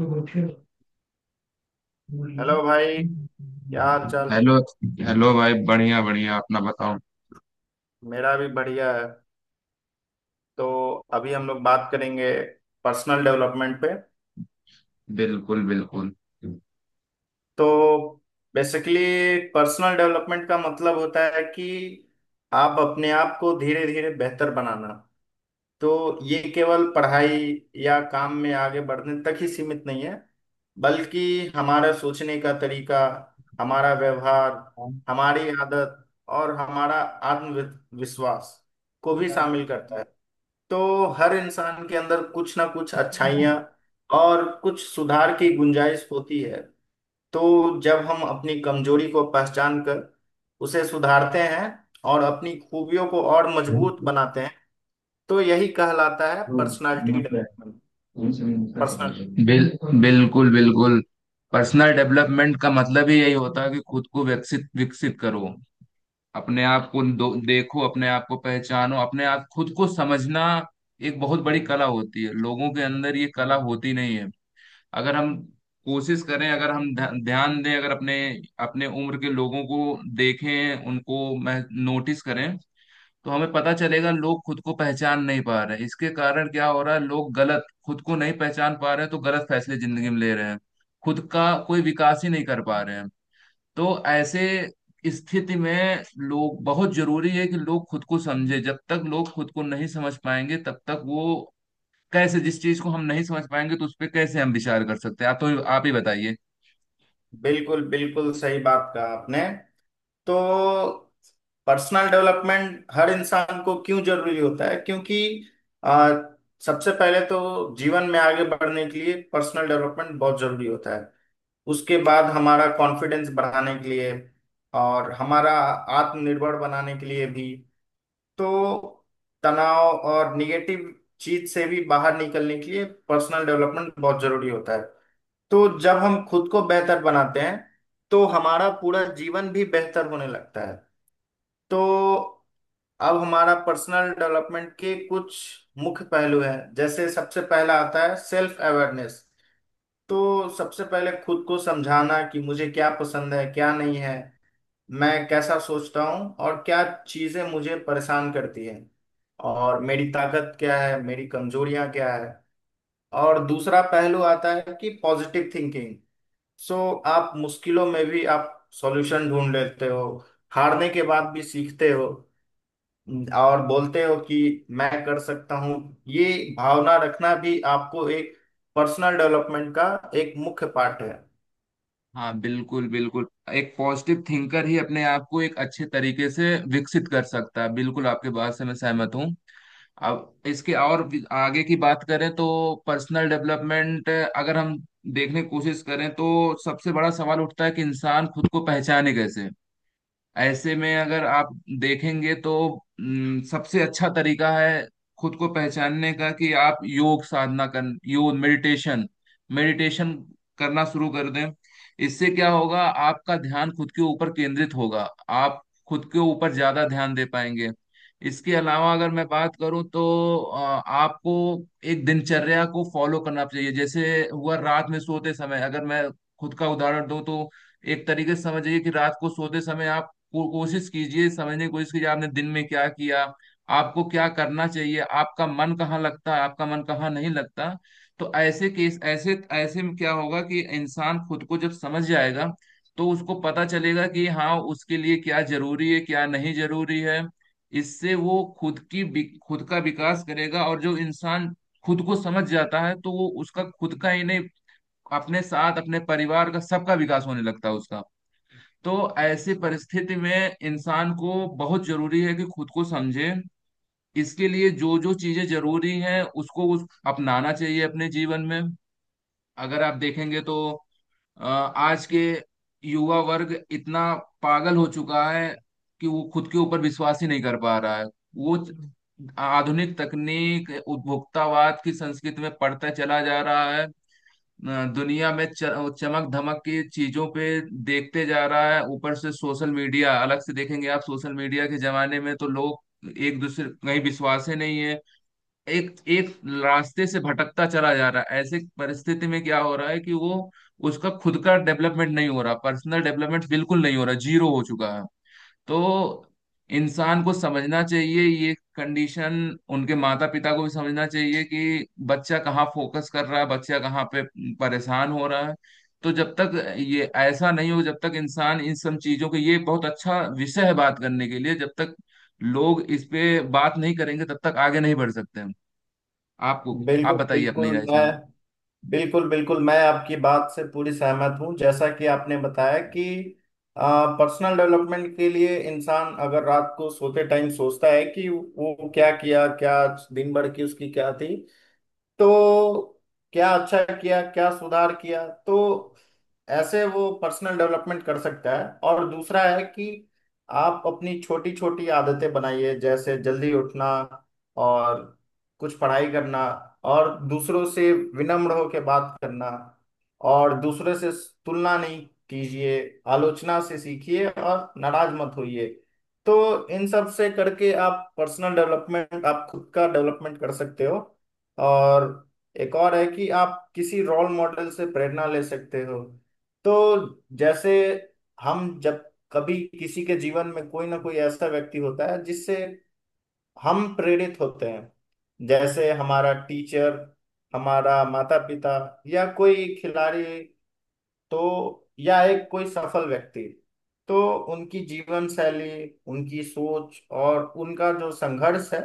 Hello. Hello भाई। क्या हाल चाल। हेलो भाई, बढ़िया बढ़िया, अपना बताओ। मेरा भी बढ़िया है। तो अभी हम लोग बात करेंगे पर्सनल डेवलपमेंट पे। बिल्कुल बिल्कुल। तो बेसिकली पर्सनल डेवलपमेंट का मतलब होता है कि आप अपने आप को धीरे धीरे बेहतर बनाना। तो ये केवल पढ़ाई या काम में आगे बढ़ने तक ही सीमित नहीं है, बल्कि हमारा सोचने का तरीका, हमारा व्यवहार, हमारी आदत और हमारा आत्मविश्वास को भी शामिल करता है। तो हर इंसान के अंदर कुछ ना कुछ अच्छाइयाँ और कुछ सुधार की गुंजाइश होती है। तो जब हम अपनी कमजोरी को पहचान कर उसे सुधारते हैं और अपनी खूबियों को और मजबूत बनाते हैं, तो यही कहलाता है पर्सनालिटी डेवलपमेंट, पर्सनल। बिल्कुल बिल्कुल। पर्सनल डेवलपमेंट का मतलब ही यही होता है कि खुद को विकसित विकसित करो। अपने आप को देखो, अपने आप को पहचानो, अपने आप खुद को समझना एक बहुत बड़ी कला होती है। लोगों के अंदर ये कला होती नहीं है। अगर हम कोशिश करें, अगर हम ध्यान दें, अगर अपने अपने उम्र के लोगों को देखें, उनको नोटिस करें, तो हमें पता चलेगा लोग खुद को पहचान नहीं पा रहे हैं। इसके कारण क्या हो रहा है, लोग गलत, खुद को नहीं पहचान पा रहे हैं तो गलत फैसले जिंदगी में ले रहे हैं। खुद का कोई विकास ही नहीं कर पा रहे हैं। तो ऐसे स्थिति में लोग, बहुत जरूरी है कि लोग खुद को समझे। जब तक लोग खुद को नहीं समझ पाएंगे तब तक वो कैसे, जिस चीज को हम नहीं समझ पाएंगे तो उस पर कैसे हम विचार कर सकते हैं। आप तो आप ही बताइए। बिल्कुल बिल्कुल सही बात कहा आपने। तो पर्सनल डेवलपमेंट हर इंसान को क्यों जरूरी होता है, क्योंकि आ, सबसे पहले तो जीवन में आगे बढ़ने के लिए पर्सनल डेवलपमेंट बहुत जरूरी होता है। उसके बाद हमारा कॉन्फिडेंस बढ़ाने के लिए और हमारा आत्मनिर्भर बनाने के लिए भी। तो तनाव और निगेटिव चीज से भी बाहर निकलने के लिए पर्सनल डेवलपमेंट बहुत जरूरी होता है। तो जब हम खुद को बेहतर बनाते हैं, तो हमारा पूरा जीवन भी बेहतर होने लगता है। तो अब हमारा पर्सनल डेवलपमेंट के कुछ मुख्य पहलू हैं। जैसे सबसे पहला आता है सेल्फ अवेयरनेस। तो सबसे पहले खुद को समझाना कि मुझे क्या पसंद है क्या नहीं है, मैं कैसा सोचता हूँ और क्या चीज़ें मुझे परेशान करती हैं, और मेरी ताकत क्या है मेरी कमजोरियां क्या है। और दूसरा पहलू आता है कि पॉजिटिव थिंकिंग। सो आप मुश्किलों में भी आप सॉल्यूशन ढूंढ लेते हो, हारने के बाद भी सीखते हो और बोलते हो कि मैं कर सकता हूँ। ये भावना रखना भी आपको एक पर्सनल डेवलपमेंट का एक मुख्य पार्ट है। हाँ बिल्कुल बिल्कुल। एक पॉजिटिव थिंकर ही अपने आप को एक अच्छे तरीके से विकसित कर सकता है, बिल्कुल आपके बात से मैं सहमत हूँ। अब इसके आगे की बात करें तो पर्सनल डेवलपमेंट, अगर हम देखने की कोशिश करें तो सबसे बड़ा सवाल उठता है कि इंसान खुद को पहचाने कैसे। ऐसे में अगर आप देखेंगे तो सबसे अच्छा तरीका है खुद को पहचानने का कि आप योग साधना कर, योग मेडिटेशन, मेडिटेशन करना शुरू कर दें। इससे क्या होगा, आपका ध्यान खुद के ऊपर केंद्रित होगा, आप खुद के ऊपर ज्यादा ध्यान दे पाएंगे। इसके अलावा अगर मैं बात करूं तो अ, आपको एक दिनचर्या को फॉलो करना चाहिए। जैसे हुआ, रात में सोते समय अगर मैं खुद का उदाहरण दूं तो एक तरीके से समझिए कि रात को सोते समय आप कोशिश कीजिए, समझने की कोशिश कीजिए आपने दिन में क्या किया, आपको क्या करना चाहिए, आपका मन कहाँ लगता है, आपका मन कहाँ नहीं लगता। तो ऐसे केस, ऐसे ऐसे में क्या होगा कि इंसान खुद को जब समझ जाएगा तो उसको पता चलेगा कि हाँ, उसके लिए क्या जरूरी है, क्या नहीं जरूरी है। इससे वो खुद की खुद का विकास करेगा, और जो इंसान खुद को समझ जाता है तो वो उसका खुद का ही नहीं, अपने साथ अपने परिवार का सबका विकास होने लगता है उसका। तो ऐसी परिस्थिति में इंसान को बहुत जरूरी है कि खुद को समझे। इसके लिए जो जो चीजें जरूरी हैं उसको, उस अपनाना चाहिए अपने जीवन में। अगर आप देखेंगे तो आज के युवा वर्ग इतना पागल हो चुका है कि वो खुद के ऊपर विश्वास ही नहीं कर पा रहा है। वो आधुनिक तकनीक, उपभोक्तावाद की संस्कृति में पड़ता चला जा रहा है। दुनिया में चमक धमक की चीजों पे देखते जा रहा है। ऊपर से सोशल मीडिया, अलग से देखेंगे आप सोशल मीडिया के जमाने में तो लोग एक दूसरे कहीं विश्वास ही नहीं है। एक एक रास्ते से भटकता चला जा रहा है। ऐसे परिस्थिति में क्या हो रहा है कि वो, उसका खुद का डेवलपमेंट नहीं हो रहा, पर्सनल डेवलपमेंट बिल्कुल नहीं हो रहा, जीरो हो चुका है। तो इंसान को समझना चाहिए ये कंडीशन, उनके माता पिता को भी समझना चाहिए कि बच्चा कहाँ फोकस कर रहा है, बच्चा कहाँ पे परेशान हो रहा है। तो जब तक ये ऐसा नहीं हो, जब तक इंसान इन सब चीजों के, ये बहुत अच्छा विषय है बात करने के लिए, जब तक लोग इस पे बात नहीं करेंगे तब तक आगे नहीं बढ़ सकते हम। आपको, आप बिल्कुल बताइए अपनी बिल्कुल राय मैं इसमें। बिल्कुल बिल्कुल मैं आपकी बात से पूरी सहमत हूँ। जैसा कि आपने बताया कि पर्सनल डेवलपमेंट के लिए इंसान अगर रात को सोते टाइम सोचता है कि वो क्या किया, क्या दिन भर की उसकी क्या थी, तो क्या अच्छा किया क्या सुधार किया, तो ऐसे वो पर्सनल डेवलपमेंट कर सकता है। और दूसरा है कि आप अपनी छोटी छोटी आदतें बनाइए, जैसे जल्दी उठना और कुछ पढ़ाई करना और दूसरों से विनम्र होकर बात करना। और दूसरे से तुलना नहीं कीजिए, आलोचना से सीखिए और नाराज मत होइए। तो इन सब से करके आप पर्सनल डेवलपमेंट, आप खुद का डेवलपमेंट कर सकते हो। और एक और है कि आप किसी रोल मॉडल से प्रेरणा ले सकते हो। तो जैसे हम जब कभी किसी के जीवन में कोई ना कोई ऐसा व्यक्ति होता है जिससे हम प्रेरित होते हैं, जैसे हमारा टीचर, हमारा माता पिता या कोई खिलाड़ी, तो या एक कोई सफल व्यक्ति। तो उनकी जीवन शैली, उनकी सोच और उनका जो संघर्ष है,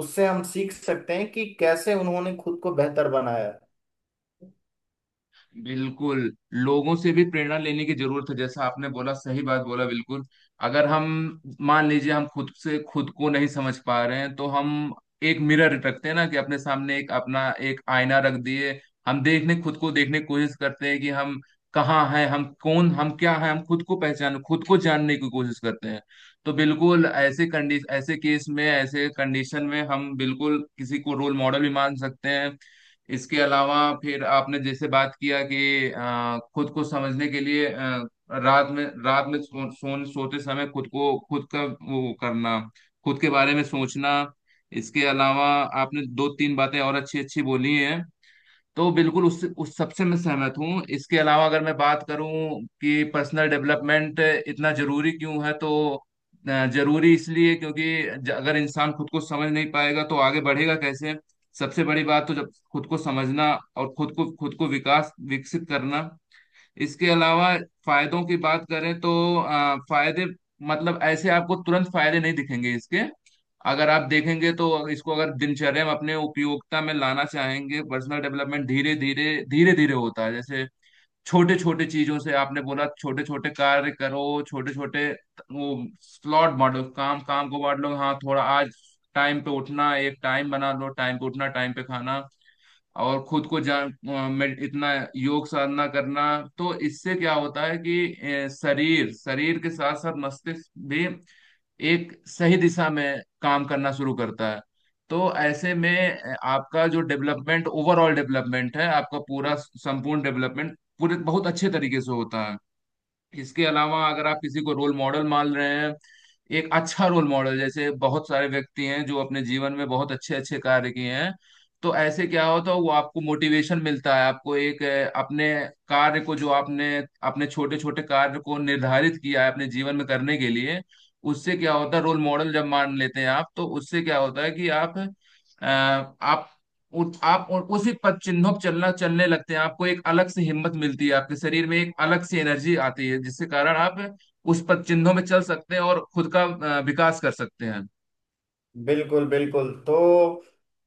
उससे हम सीख सकते हैं कि कैसे उन्होंने खुद को बेहतर बनाया। बिल्कुल, लोगों से भी प्रेरणा लेने की जरूरत है, जैसा आपने बोला, सही बात बोला बिल्कुल। अगर हम मान लीजिए हम खुद से खुद को नहीं समझ पा रहे हैं तो हम एक मिरर रखते हैं ना, कि अपने सामने एक अपना एक आईना रख दिए, हम देखने, खुद को देखने की कोशिश करते हैं कि हम कहाँ हैं, हम कौन, हम क्या हैं, हम खुद को पहचान, खुद को जानने की कोशिश करते हैं। तो बिल्कुल ऐसे कंडीशन, ऐसे केस में, ऐसे कंडीशन में हम बिल्कुल किसी को रोल मॉडल भी मान सकते हैं। इसके अलावा फिर आपने जैसे बात किया कि खुद को समझने के लिए रात में सोते समय खुद को, खुद का वो करना, खुद के बारे में सोचना। इसके अलावा आपने दो तीन बातें और अच्छी अच्छी बोली हैं, तो बिल्कुल उस सबसे मैं सहमत हूँ। इसके अलावा अगर मैं बात करूँ कि पर्सनल डेवलपमेंट इतना जरूरी क्यों है, तो जरूरी इसलिए क्योंकि अगर इंसान खुद को समझ नहीं पाएगा तो आगे बढ़ेगा कैसे। सबसे बड़ी बात तो जब खुद को समझना और खुद को विकास विकसित करना। इसके अलावा फायदों की बात करें तो फायदे मतलब ऐसे आपको तुरंत फायदे नहीं दिखेंगे इसके। अगर आप देखेंगे तो इसको अगर दिनचर्या में अपने उपयोगिता में लाना चाहेंगे, पर्सनल डेवलपमेंट धीरे धीरे होता है। जैसे छोटे छोटे चीजों से, आपने बोला छोटे छोटे कार्य करो, छोटे छोटे वो स्लॉट बांटो, काम, काम को बांट लो, हाँ थोड़ा आज टाइम पे उठना, एक टाइम बना लो, टाइम पे उठना, टाइम पे खाना, और खुद को जान, इतना योग साधना करना। तो इससे क्या होता है कि शरीर शरीर के साथ साथ मस्तिष्क भी एक सही दिशा में काम करना शुरू करता है। तो ऐसे में आपका जो डेवलपमेंट, ओवरऑल डेवलपमेंट है आपका, पूरा संपूर्ण डेवलपमेंट पूरे बहुत अच्छे तरीके से होता है। इसके अलावा अगर आप किसी को रोल मॉडल मान रहे हैं, एक अच्छा रोल मॉडल, जैसे बहुत सारे व्यक्ति हैं जो अपने जीवन में बहुत अच्छे अच्छे कार्य किए हैं, तो ऐसे क्या होता है वो आपको मोटिवेशन मिलता है, आपको एक, अपने कार्य को, जो आपने अपने छोटे छोटे कार्य को निर्धारित किया है अपने जीवन में करने के लिए, उससे क्या होता है, रोल मॉडल जब मान लेते हैं आप, तो उससे क्या होता है कि आप आप आप और उसी पद चिन्हों पर चलना, चलने लगते हैं, आपको एक अलग सी हिम्मत मिलती है, आपके शरीर में एक अलग सी एनर्जी आती है जिसके कारण आप उस पद चिन्हों में चल सकते हैं और खुद का विकास कर सकते हैं। बिल्कुल बिल्कुल। तो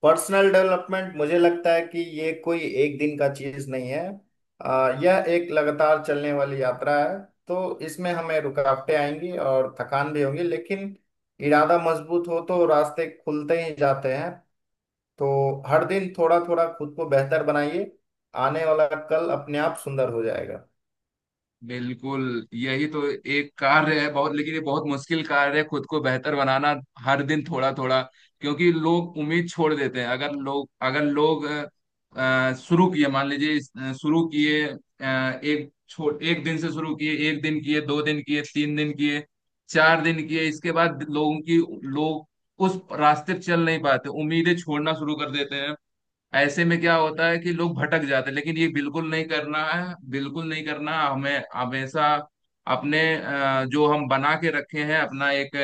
पर्सनल डेवलपमेंट मुझे लगता है कि ये कोई एक दिन का चीज नहीं है। यह एक लगातार चलने वाली यात्रा है। तो इसमें हमें रुकावटें आएंगी और थकान भी होगी, लेकिन इरादा मजबूत हो तो रास्ते खुलते ही जाते हैं। तो हर दिन थोड़ा थोड़ा खुद को बेहतर बनाइए, आने वाला कल अपने आप सुंदर हो जाएगा। बिल्कुल, यही तो एक कार्य है बहुत, लेकिन ये बहुत मुश्किल कार्य है खुद को बेहतर बनाना, हर दिन थोड़ा थोड़ा। क्योंकि लोग उम्मीद छोड़ देते हैं, अगर लोग शुरू किए मान लीजिए, शुरू किए एक दिन से शुरू किए, एक दिन किए, दो दिन किए, तीन दिन किए, चार दिन किए, इसके बाद लोगों की, लोग उस रास्ते पे चल नहीं पाते, उम्मीदें छोड़ना शुरू कर देते हैं। ऐसे में क्या होता है कि लोग भटक जाते हैं, लेकिन ये बिल्कुल नहीं करना है, बिल्कुल नहीं करना हमें, हमेशा अपने जो हम बना के रखे हैं, अपना एक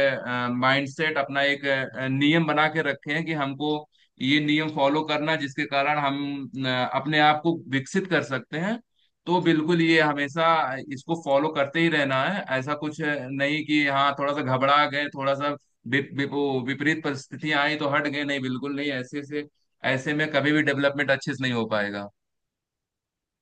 माइंडसेट, अपना एक नियम बना के रखे हैं कि हमको ये नियम फॉलो करना है, जिसके कारण हम अपने आप को विकसित कर सकते हैं। तो बिल्कुल ये हमेशा इसको फॉलो करते ही रहना है, ऐसा कुछ नहीं कि हाँ थोड़ा सा घबरा गए, थोड़ा सा वि- वि- वो विपरीत परिस्थितियां आई तो हट गए, नहीं बिल्कुल नहीं। ऐसे में कभी भी डेवलपमेंट अच्छे से नहीं हो पाएगा।